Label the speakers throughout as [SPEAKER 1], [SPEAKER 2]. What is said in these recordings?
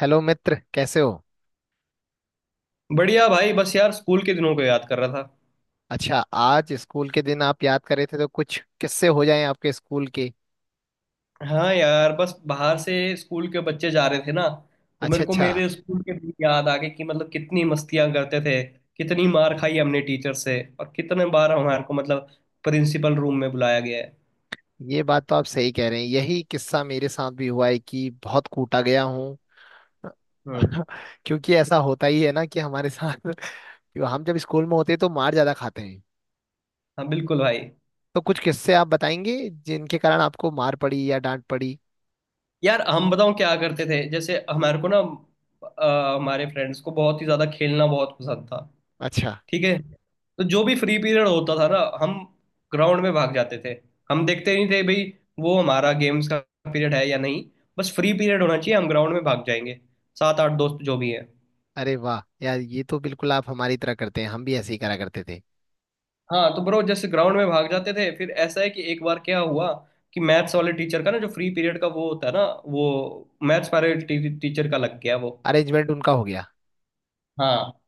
[SPEAKER 1] Hello मित्र, कैसे हो।
[SPEAKER 2] बढ़िया भाई, बस यार स्कूल के दिनों को याद कर रहा था।
[SPEAKER 1] अच्छा, आज स्कूल के दिन आप याद कर रहे थे, तो कुछ किस्से हो जाएं आपके स्कूल के।
[SPEAKER 2] हाँ यार, बस बाहर से स्कूल के बच्चे जा रहे थे ना। तो
[SPEAKER 1] अच्छा,
[SPEAKER 2] मेरे को
[SPEAKER 1] अच्छा।
[SPEAKER 2] मेरे स्कूल के दिन याद आ गए कि मतलब कितनी मस्तियां करते थे। कितनी मार खाई हमने टीचर से, और कितने बार हमारे को मतलब प्रिंसिपल रूम में बुलाया गया है।
[SPEAKER 1] ये बात तो आप सही कह रहे हैं, यही किस्सा मेरे साथ भी हुआ है कि बहुत कूटा गया हूँ।
[SPEAKER 2] हम्म।
[SPEAKER 1] क्योंकि ऐसा होता ही है ना कि हमारे साथ। हम जब स्कूल में होते हैं तो मार ज्यादा खाते हैं।
[SPEAKER 2] हाँ बिल्कुल भाई।
[SPEAKER 1] तो कुछ किस्से आप बताएंगे जिनके कारण आपको मार पड़ी या डांट पड़ी।
[SPEAKER 2] यार हम बताओ क्या करते थे, जैसे हमारे को ना हमारे फ्रेंड्स को बहुत ही ज्यादा खेलना बहुत पसंद था।
[SPEAKER 1] अच्छा।
[SPEAKER 2] ठीक है। तो जो भी फ्री पीरियड होता था ना, हम ग्राउंड में भाग जाते थे। हम देखते नहीं थे भाई, वो हमारा गेम्स का पीरियड है या नहीं। बस फ्री पीरियड होना चाहिए, हम ग्राउंड में भाग जाएंगे। सात आठ दोस्त जो भी है।
[SPEAKER 1] अरे वाह यार, ये तो बिल्कुल आप हमारी तरह करते हैं, हम भी ऐसे ही करा करते थे।
[SPEAKER 2] हाँ तो ब्रो, जैसे ग्राउंड में भाग जाते थे, फिर ऐसा है कि एक बार क्या हुआ कि मैथ्स वाले टीचर का ना, जो फ्री पीरियड का वो होता है ना, वो मैथ्स वाले टीचर का लग गया वो।
[SPEAKER 1] अरेंजमेंट उनका हो गया।
[SPEAKER 2] हाँ।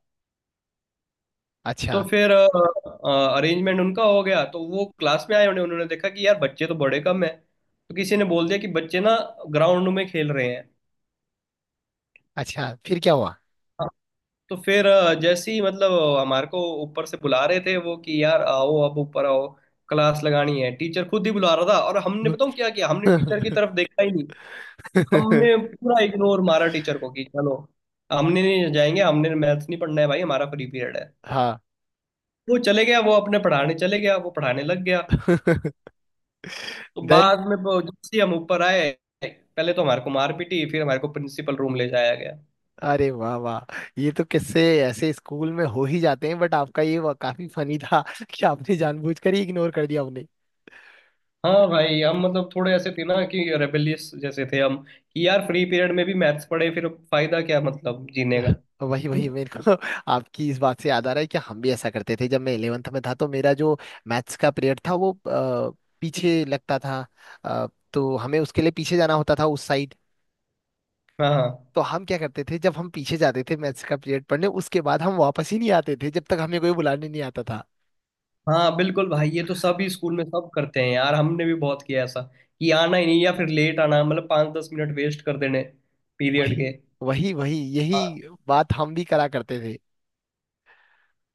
[SPEAKER 1] अच्छा।
[SPEAKER 2] तो फिर अरेंजमेंट उनका हो गया, तो वो क्लास में आए, उन्हें उन्होंने देखा कि यार बच्चे तो बड़े कम है, तो किसी ने बोल दिया कि बच्चे ना ग्राउंड में खेल रहे हैं।
[SPEAKER 1] अच्छा, फिर क्या हुआ।
[SPEAKER 2] हाँ। तो फिर जैसे ही मतलब हमारे को ऊपर से बुला रहे थे वो कि यार आओ अब ऊपर आओ, क्लास लगानी है। टीचर खुद ही बुला रहा था, और हमने बताऊं क्या किया, हमने टीचर की तरफ देखा ही नहीं। हमने पूरा इग्नोर मारा टीचर को कि चलो, हमने नहीं जाएंगे, हमने मैथ्स नहीं पढ़ना है भाई, हमारा फ्री पीरियड है।
[SPEAKER 1] हाँ
[SPEAKER 2] वो चले गया, वो अपने पढ़ाने चले गया, वो पढ़ाने लग गया। तो
[SPEAKER 1] देन।
[SPEAKER 2] बाद में वो जैसे ही हम ऊपर आए, पहले तो हमारे को मार पीटी, फिर हमारे को प्रिंसिपल रूम ले जाया गया।
[SPEAKER 1] अरे वाह वाह, ये तो किससे ऐसे स्कूल में हो ही जाते हैं, बट आपका ये काफी फनी था कि आपने जानबूझकर ही इग्नोर कर दिया उन्हें।
[SPEAKER 2] हाँ भाई, हम मतलब थोड़े ऐसे थे ना कि रेबेलियस जैसे थे हम, कि यार फ्री पीरियड में भी मैथ्स पढ़े, फिर फायदा क्या मतलब जीने का।
[SPEAKER 1] वही वही, मेरे को आपकी इस बात से याद आ रहा है कि हम भी ऐसा करते थे। जब मैं 11th में था तो मेरा जो मैथ्स का पीरियड था वो पीछे लगता था। अ, तो हमें उसके लिए पीछे जाना होता था उस साइड।
[SPEAKER 2] हाँ, हाँ।
[SPEAKER 1] तो हम क्या करते थे, जब हम पीछे जाते थे मैथ्स का पीरियड पढ़ने, उसके बाद हम वापस ही नहीं आते थे जब तक हमें कोई बुलाने नहीं आता।
[SPEAKER 2] हाँ बिल्कुल भाई, ये तो सभी स्कूल में सब करते हैं यार, हमने भी बहुत किया ऐसा कि आना ही नहीं, या फिर लेट आना, मतलब पाँच दस मिनट वेस्ट कर देने पीरियड के।
[SPEAKER 1] वही वही वही, यही
[SPEAKER 2] हाँ।
[SPEAKER 1] बात हम भी करा करते थे।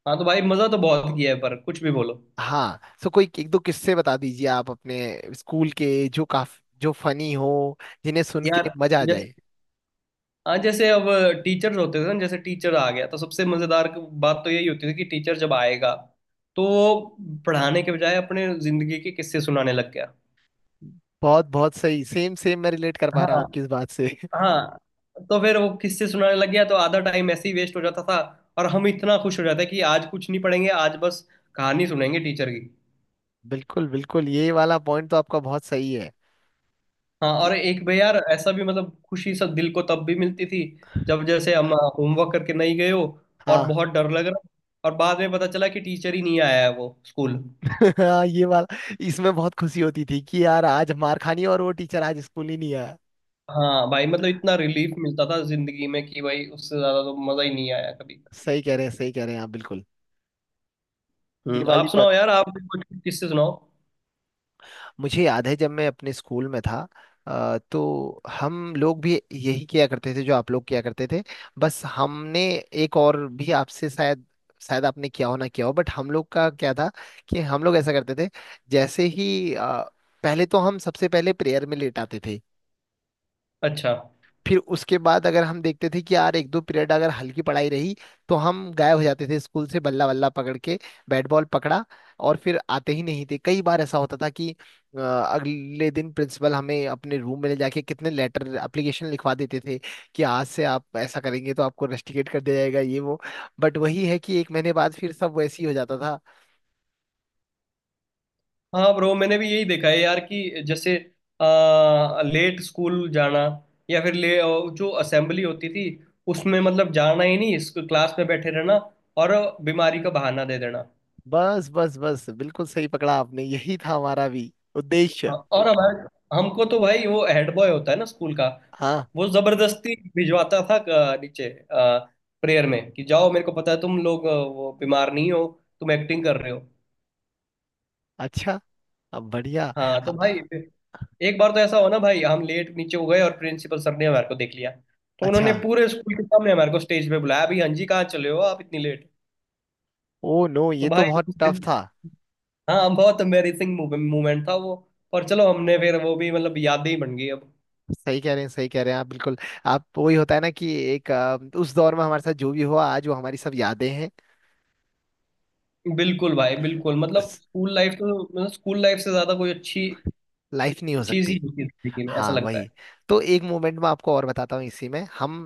[SPEAKER 2] हाँ, तो भाई मजा तो बहुत किया है, पर कुछ भी बोलो
[SPEAKER 1] हाँ, सो कोई एक दो किस्से बता दीजिए आप अपने स्कूल के, जो काफ जो फनी हो, जिन्हें सुन के
[SPEAKER 2] यार।
[SPEAKER 1] मजा आ जाए।
[SPEAKER 2] हाँ, जैसे अब टीचर्स होते थे ना, जैसे टीचर आ गया तो सबसे मजेदार बात तो यही होती थी कि टीचर जब आएगा तो वो पढ़ाने के बजाय अपने जिंदगी के किस्से सुनाने लग गया।
[SPEAKER 1] बहुत बहुत सही, सेम सेम, मैं रिलेट कर पा रहा हूँ
[SPEAKER 2] हाँ,
[SPEAKER 1] आपकी इस बात से।
[SPEAKER 2] हाँ। तो फिर वो किस्से सुनाने लग गया, तो आधा टाइम ऐसे ही वेस्ट हो जाता था। और हम इतना खुश हो जाते कि आज कुछ नहीं पढ़ेंगे, आज बस कहानी सुनेंगे टीचर की।
[SPEAKER 1] बिल्कुल बिल्कुल, ये वाला पॉइंट तो आपका बहुत सही है।
[SPEAKER 2] हाँ,
[SPEAKER 1] कि
[SPEAKER 2] और एक भाई यार ऐसा भी, मतलब खुशी सब दिल को तब भी मिलती थी जब जैसे हम होमवर्क करके नहीं गए हो और
[SPEAKER 1] हाँ।
[SPEAKER 2] बहुत डर लग रहा, और बाद में पता चला कि टीचर ही नहीं आया है वो स्कूल।
[SPEAKER 1] हाँ, ये वाला, इसमें बहुत खुशी होती थी कि यार आज मार खानी, और वो टीचर आज स्कूल ही नहीं आया।
[SPEAKER 2] हाँ भाई, मतलब इतना रिलीफ मिलता था जिंदगी में कि भाई उससे ज्यादा तो मजा ही नहीं आया कभी।
[SPEAKER 1] सही कह रहे हैं, सही कह रहे हैं आप बिल्कुल। ये
[SPEAKER 2] आप
[SPEAKER 1] वाली बात
[SPEAKER 2] सुनाओ यार, आप भी कुछ किससे सुनाओ।
[SPEAKER 1] मुझे याद है जब मैं अपने स्कूल में था। तो हम लोग भी यही किया करते थे जो आप लोग किया करते थे। बस हमने एक और भी आपसे शायद, शायद आपने किया हो ना किया हो, बट हम लोग का क्या था कि हम लोग ऐसा करते थे। जैसे ही पहले तो हम सबसे पहले प्रेयर में लेट आते थे।
[SPEAKER 2] अच्छा।
[SPEAKER 1] फिर उसके बाद अगर हम देखते थे कि यार एक दो पीरियड अगर हल्की पढ़ाई रही, तो हम गायब हो जाते थे स्कूल से, बल्ला बल्ला पकड़ के, बैट बॉल पकड़ा, और फिर आते ही नहीं थे। कई बार ऐसा होता था कि अगले दिन प्रिंसिपल हमें अपने रूम में ले जाके कितने लेटर एप्लीकेशन लिखवा देते थे कि आज से आप ऐसा करेंगे तो आपको रस्टिकेट कर दिया जाएगा ये वो। बट वही है कि एक महीने बाद फिर सब वैसे ही हो जाता था।
[SPEAKER 2] हाँ ब्रो, मैंने भी यही देखा है यार कि जैसे लेट स्कूल जाना, या फिर ले जो असेंबली होती थी उसमें मतलब जाना ही नहीं, इस क्लास में बैठे रहना, और बीमारी का बहाना दे देना।
[SPEAKER 1] बस बस बस, बिल्कुल सही पकड़ा आपने, यही था हमारा भी उद्देश्य।
[SPEAKER 2] हाँ, और हमारे हमको तो भाई, वो हेड बॉय होता है ना स्कूल का,
[SPEAKER 1] हाँ।
[SPEAKER 2] वो जबरदस्ती भिजवाता था नीचे प्रेयर में कि जाओ, मेरे को पता है तुम लोग वो बीमार नहीं हो, तुम एक्टिंग कर रहे हो।
[SPEAKER 1] अच्छा, अब बढ़िया।
[SPEAKER 2] हाँ तो भाई
[SPEAKER 1] हाँ।
[SPEAKER 2] फिर एक बार तो ऐसा हो ना भाई, हम लेट नीचे हो गए और प्रिंसिपल सर ने हमारे को देख लिया। तो
[SPEAKER 1] अच्छा।
[SPEAKER 2] उन्होंने पूरे स्कूल के सामने हमारे को स्टेज पे बुलाया भाई, हाँ जी कहाँ चले हो आप इतनी लेट।
[SPEAKER 1] ओ नो,
[SPEAKER 2] तो
[SPEAKER 1] ये तो
[SPEAKER 2] भाई
[SPEAKER 1] बहुत
[SPEAKER 2] उस
[SPEAKER 1] टफ
[SPEAKER 2] दिन,
[SPEAKER 1] था।
[SPEAKER 2] हाँ बहुत एम्बेरसिंग मोमेंट था वो। पर चलो, हमने फिर वो भी मतलब यादें ही बन गई अब।
[SPEAKER 1] सही कह रहे हैं, सही कह रहे हैं आप बिल्कुल। आप, वही होता है ना कि एक उस दौर में हमारे साथ जो भी हुआ आज वो हमारी सब यादें हैं।
[SPEAKER 2] बिल्कुल भाई, बिल्कुल, मतलब स्कूल लाइफ तो, मतलब स्कूल लाइफ से ज्यादा कोई अच्छी
[SPEAKER 1] लाइफ नहीं हो
[SPEAKER 2] चीज ही
[SPEAKER 1] सकती।
[SPEAKER 2] होती है जिंदगी में, ऐसा
[SPEAKER 1] हाँ
[SPEAKER 2] लगता है।
[SPEAKER 1] वही। तो एक मोमेंट में आपको और बताता हूँ, इसी में हम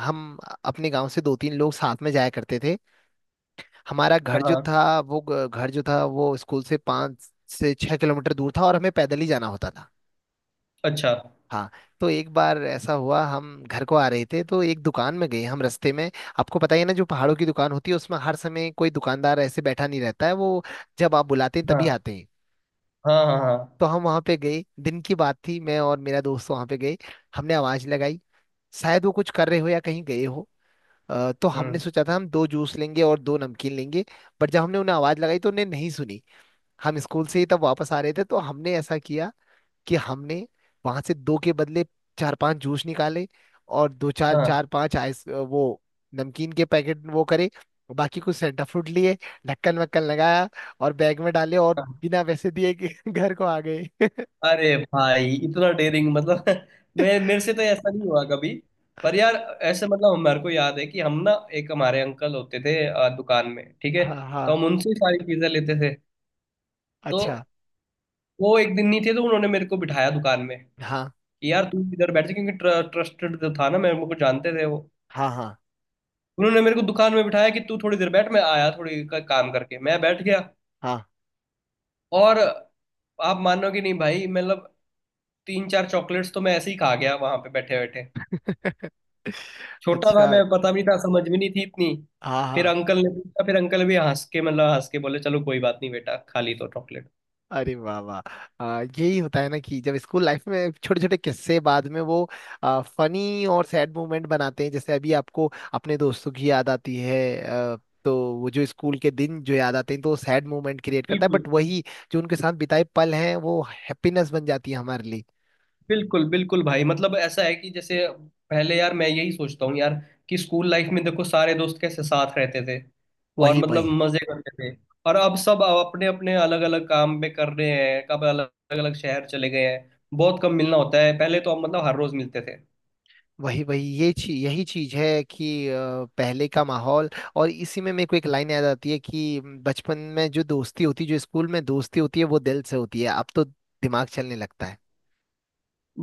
[SPEAKER 1] हम अपने गांव से दो तीन लोग साथ में जाया करते थे। हमारा घर जो
[SPEAKER 2] हाँ।
[SPEAKER 1] था वो घर जो था वो स्कूल से पाँच से छह किलोमीटर दूर था और हमें पैदल ही जाना होता था।
[SPEAKER 2] अच्छा।
[SPEAKER 1] हाँ। तो एक बार ऐसा हुआ, हम घर को आ रहे थे तो एक दुकान में गए हम रास्ते में। आपको पता ही है ना, जो पहाड़ों की दुकान होती है, उसमें हर समय कोई दुकानदार ऐसे बैठा नहीं रहता है। वो जब आप बुलाते हैं तभी
[SPEAKER 2] हाँ,
[SPEAKER 1] आते हैं।
[SPEAKER 2] हाँ, हाँ, हाँ।
[SPEAKER 1] तो हम वहाँ पे गए, दिन की बात थी, मैं और मेरा दोस्त वहाँ पे गए। हमने आवाज़ लगाई। शायद वो कुछ कर रहे हो या कहीं गए हो। तो हमने
[SPEAKER 2] हम्म।
[SPEAKER 1] सोचा था हम दो जूस लेंगे और दो नमकीन लेंगे। बट जब हमने उन्हें आवाज़ लगाई तो उन्हें नहीं सुनी। हम स्कूल से ही तब वापस आ रहे थे तो हमने ऐसा किया कि हमने वहां से दो के बदले चार पांच जूस निकाले, और दो चार
[SPEAKER 2] हाँ,
[SPEAKER 1] चार पांच आइस वो नमकीन के पैकेट वो करे, बाकी कुछ सेंटा फ्रूट लिए, ढक्कन वक्कन लगाया और बैग में डाले, और
[SPEAKER 2] हाँ।
[SPEAKER 1] बिना पैसे दिए कि घर को आ गए।
[SPEAKER 2] अरे भाई इतना डेयरिंग, मतलब मैं, मेरे से तो ऐसा नहीं हुआ कभी। पर यार ऐसे, मतलब हमारे को याद है कि हम ना, एक हमारे अंकल होते थे दुकान में, ठीक है।
[SPEAKER 1] हाँ हाँ।
[SPEAKER 2] तो हम उनसे ही सारी चीजें लेते थे। तो
[SPEAKER 1] अच्छा।
[SPEAKER 2] वो एक दिन नहीं थे, तो उन्होंने मेरे को बिठाया दुकान में
[SPEAKER 1] हाँ
[SPEAKER 2] कि यार तू इधर बैठ जा, क्योंकि ट्रस्टेड जो था ना, मेरे मेरे को जानते थे वो।
[SPEAKER 1] हाँ हाँ
[SPEAKER 2] उन्होंने मेरे को दुकान में बिठाया कि तू थोड़ी देर बैठ, मैं आया थोड़ी काम करके। मैं बैठ गया
[SPEAKER 1] हाँ।
[SPEAKER 2] और, आप मानोगे नहीं भाई, मतलब तीन चार चॉकलेट्स तो मैं ऐसे ही खा गया वहां पे बैठे बैठे। छोटा था
[SPEAKER 1] अच्छा।
[SPEAKER 2] मैं, पता भी नहीं था, समझ भी नहीं थी इतनी।
[SPEAKER 1] हाँ
[SPEAKER 2] फिर
[SPEAKER 1] हाँ।
[SPEAKER 2] अंकल ने पूछा, फिर अंकल भी हंस के, मतलब हंस के बोले, चलो कोई बात नहीं बेटा, खा ली तो चॉकलेट।
[SPEAKER 1] अरे वाह वाह। आ, यही होता है ना कि जब स्कूल लाइफ में छोटे छोटे किस्से बाद में वो आ, फनी और सैड मोमेंट बनाते हैं। जैसे अभी आपको अपने दोस्तों की याद आती है। आ, तो वो जो स्कूल के दिन जो याद आते हैं, तो सैड मोमेंट क्रिएट करता है।
[SPEAKER 2] बिल्कुल,
[SPEAKER 1] बट वही, जो उनके साथ बिताए पल हैं, वो हैप्पीनेस बन जाती है हमारे लिए।
[SPEAKER 2] बिल्कुल, बिल्कुल भाई, मतलब ऐसा है कि जैसे पहले, यार मैं यही सोचता हूँ यार कि स्कूल लाइफ में देखो, सारे दोस्त कैसे साथ रहते थे और
[SPEAKER 1] वही
[SPEAKER 2] मतलब
[SPEAKER 1] वही
[SPEAKER 2] मजे करते थे। और अब सब अपने अपने अलग अलग काम में कर रहे हैं, कब अलग अलग शहर चले गए हैं। बहुत कम मिलना होता है, पहले तो हम मतलब हर रोज मिलते थे।
[SPEAKER 1] वही वही, ये चीज, यही चीज है कि पहले का माहौल। और इसी में मेरे को एक लाइन याद आती है कि बचपन में जो दोस्ती होती, जो स्कूल में दोस्ती होती है वो दिल से होती है, अब तो दिमाग चलने लगता है।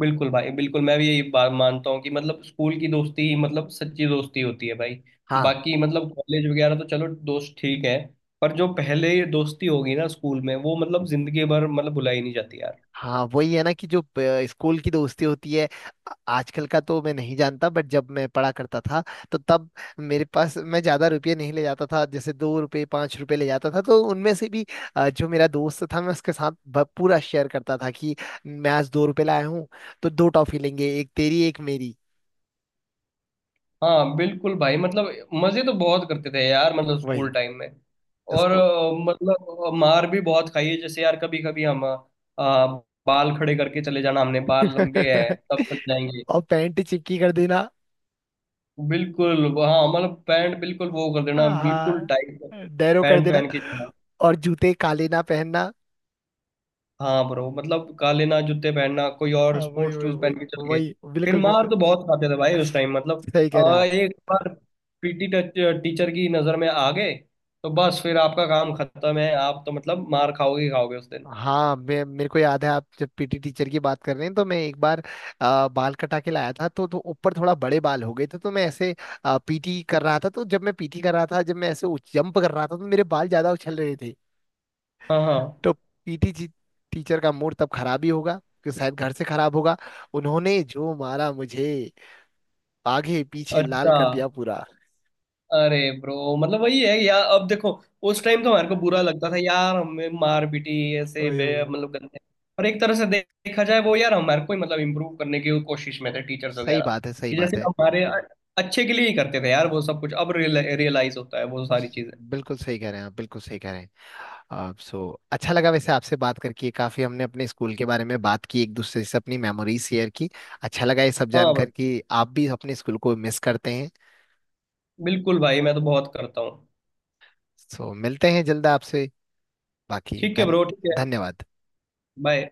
[SPEAKER 2] बिल्कुल भाई, बिल्कुल, मैं भी यही बात मानता हूँ कि मतलब स्कूल की दोस्ती ही मतलब सच्ची दोस्ती होती है भाई।
[SPEAKER 1] हाँ।
[SPEAKER 2] बाकी मतलब कॉलेज वगैरह तो, चलो दोस्त ठीक है, पर जो पहले ये दोस्ती होगी ना स्कूल में, वो मतलब जिंदगी भर मतलब भुलाई नहीं जाती यार।
[SPEAKER 1] हाँ वही है ना कि जो स्कूल की दोस्ती होती है। आ- आजकल का तो मैं नहीं जानता, बट जब मैं पढ़ा करता था, तो तब मेरे पास, मैं ज्यादा रुपये नहीं ले जाता था, जैसे दो रुपये पांच रुपये ले जाता था, तो उनमें से भी आ, जो मेरा दोस्त था मैं उसके साथ पूरा शेयर करता था कि मैं आज दो रुपये लाया हूँ, तो दो टॉफी लेंगे, एक तेरी एक मेरी।
[SPEAKER 2] हाँ बिल्कुल भाई, मतलब मजे तो बहुत करते थे यार, मतलब स्कूल
[SPEAKER 1] वही
[SPEAKER 2] टाइम में। और
[SPEAKER 1] स्कूल।
[SPEAKER 2] मतलब मार भी बहुत खाई है, जैसे यार कभी कभी हम बाल खड़े करके चले जाना, हमने बाल लंबे हैं तब चल जाएंगे।
[SPEAKER 1] और पैंट चिपकी कर देना।
[SPEAKER 2] बिल्कुल। हाँ, मतलब पैंट बिल्कुल वो कर देना, बिल्कुल टाइट
[SPEAKER 1] हाँ। डैरो कर
[SPEAKER 2] पैंट
[SPEAKER 1] देना।
[SPEAKER 2] पहन के जाना।
[SPEAKER 1] और जूते काले ना पहनना।
[SPEAKER 2] हाँ ब्रो, मतलब काले ना जूते पहनना, कोई और
[SPEAKER 1] हाँ वही
[SPEAKER 2] स्पोर्ट्स
[SPEAKER 1] वही
[SPEAKER 2] शूज पहन
[SPEAKER 1] वही
[SPEAKER 2] के चल गए।
[SPEAKER 1] वही,
[SPEAKER 2] फिर
[SPEAKER 1] बिल्कुल
[SPEAKER 2] मार
[SPEAKER 1] बिल्कुल।
[SPEAKER 2] तो बहुत खाते थे भाई उस टाइम, मतलब
[SPEAKER 1] सही कह रहे हैं आप।
[SPEAKER 2] एक बार पीटी टीचर की नजर में आ गए, तो बस फिर आपका काम खत्म है, आप तो मतलब मार खाओगे ही खाओगे उस दिन।
[SPEAKER 1] हाँ, मैं, मेरे को याद है, आप जब पीटी टीचर की बात कर रहे हैं, तो मैं एक बार आ, बाल कटा के लाया था, तो ऊपर थोड़ा बड़े बाल हो गए थे, तो मैं ऐसे पीटी कर रहा था। तो जब मैं पीटी कर रहा था, जब मैं ऐसे जंप कर रहा था, तो मेरे बाल ज्यादा उछल रहे थे।
[SPEAKER 2] हाँ, हाँ।
[SPEAKER 1] तो पीटी टीचर का मूड तब खराब ही होगा, कि शायद घर से खराब होगा, उन्होंने जो मारा मुझे, आगे पीछे लाल
[SPEAKER 2] अच्छा।
[SPEAKER 1] कर दिया पूरा।
[SPEAKER 2] अरे ब्रो, मतलब वही है यार, अब देखो उस टाइम तो हमारे को बुरा लगता था यार, हमें मार पीटी ऐसे
[SPEAKER 1] ओए ओए ओए।
[SPEAKER 2] मतलब गंदे। और एक तरह से देखा जाए वो, यार हमारे को ही मतलब इम्प्रूव करने की कोशिश में थे टीचर्स
[SPEAKER 1] सही
[SPEAKER 2] वगैरह,
[SPEAKER 1] बात है, सही
[SPEAKER 2] कि
[SPEAKER 1] बात
[SPEAKER 2] जैसे
[SPEAKER 1] है।
[SPEAKER 2] हमारे अच्छे के लिए ही करते थे यार वो सब कुछ, अब रियलाइज होता है वो सारी चीजें।
[SPEAKER 1] बिल्कुल सही कह रहे हैं आप, बिल्कुल सही कह रहे हैं आप। सो, अच्छा लगा वैसे आपसे बात करके, काफी हमने अपने स्कूल के बारे में बात की, एक दूसरे से अपनी मेमोरीज शेयर की। अच्छा लगा ये सब
[SPEAKER 2] हाँ ब्रो।
[SPEAKER 1] जानकर कि आप भी अपने स्कूल को मिस करते हैं।
[SPEAKER 2] बिल्कुल भाई, मैं तो बहुत करता हूँ।
[SPEAKER 1] सो मिलते हैं जल्द आपसे। बाकी
[SPEAKER 2] ठीक है
[SPEAKER 1] धन
[SPEAKER 2] ब्रो, ठीक है।
[SPEAKER 1] धन्यवाद।
[SPEAKER 2] बाय।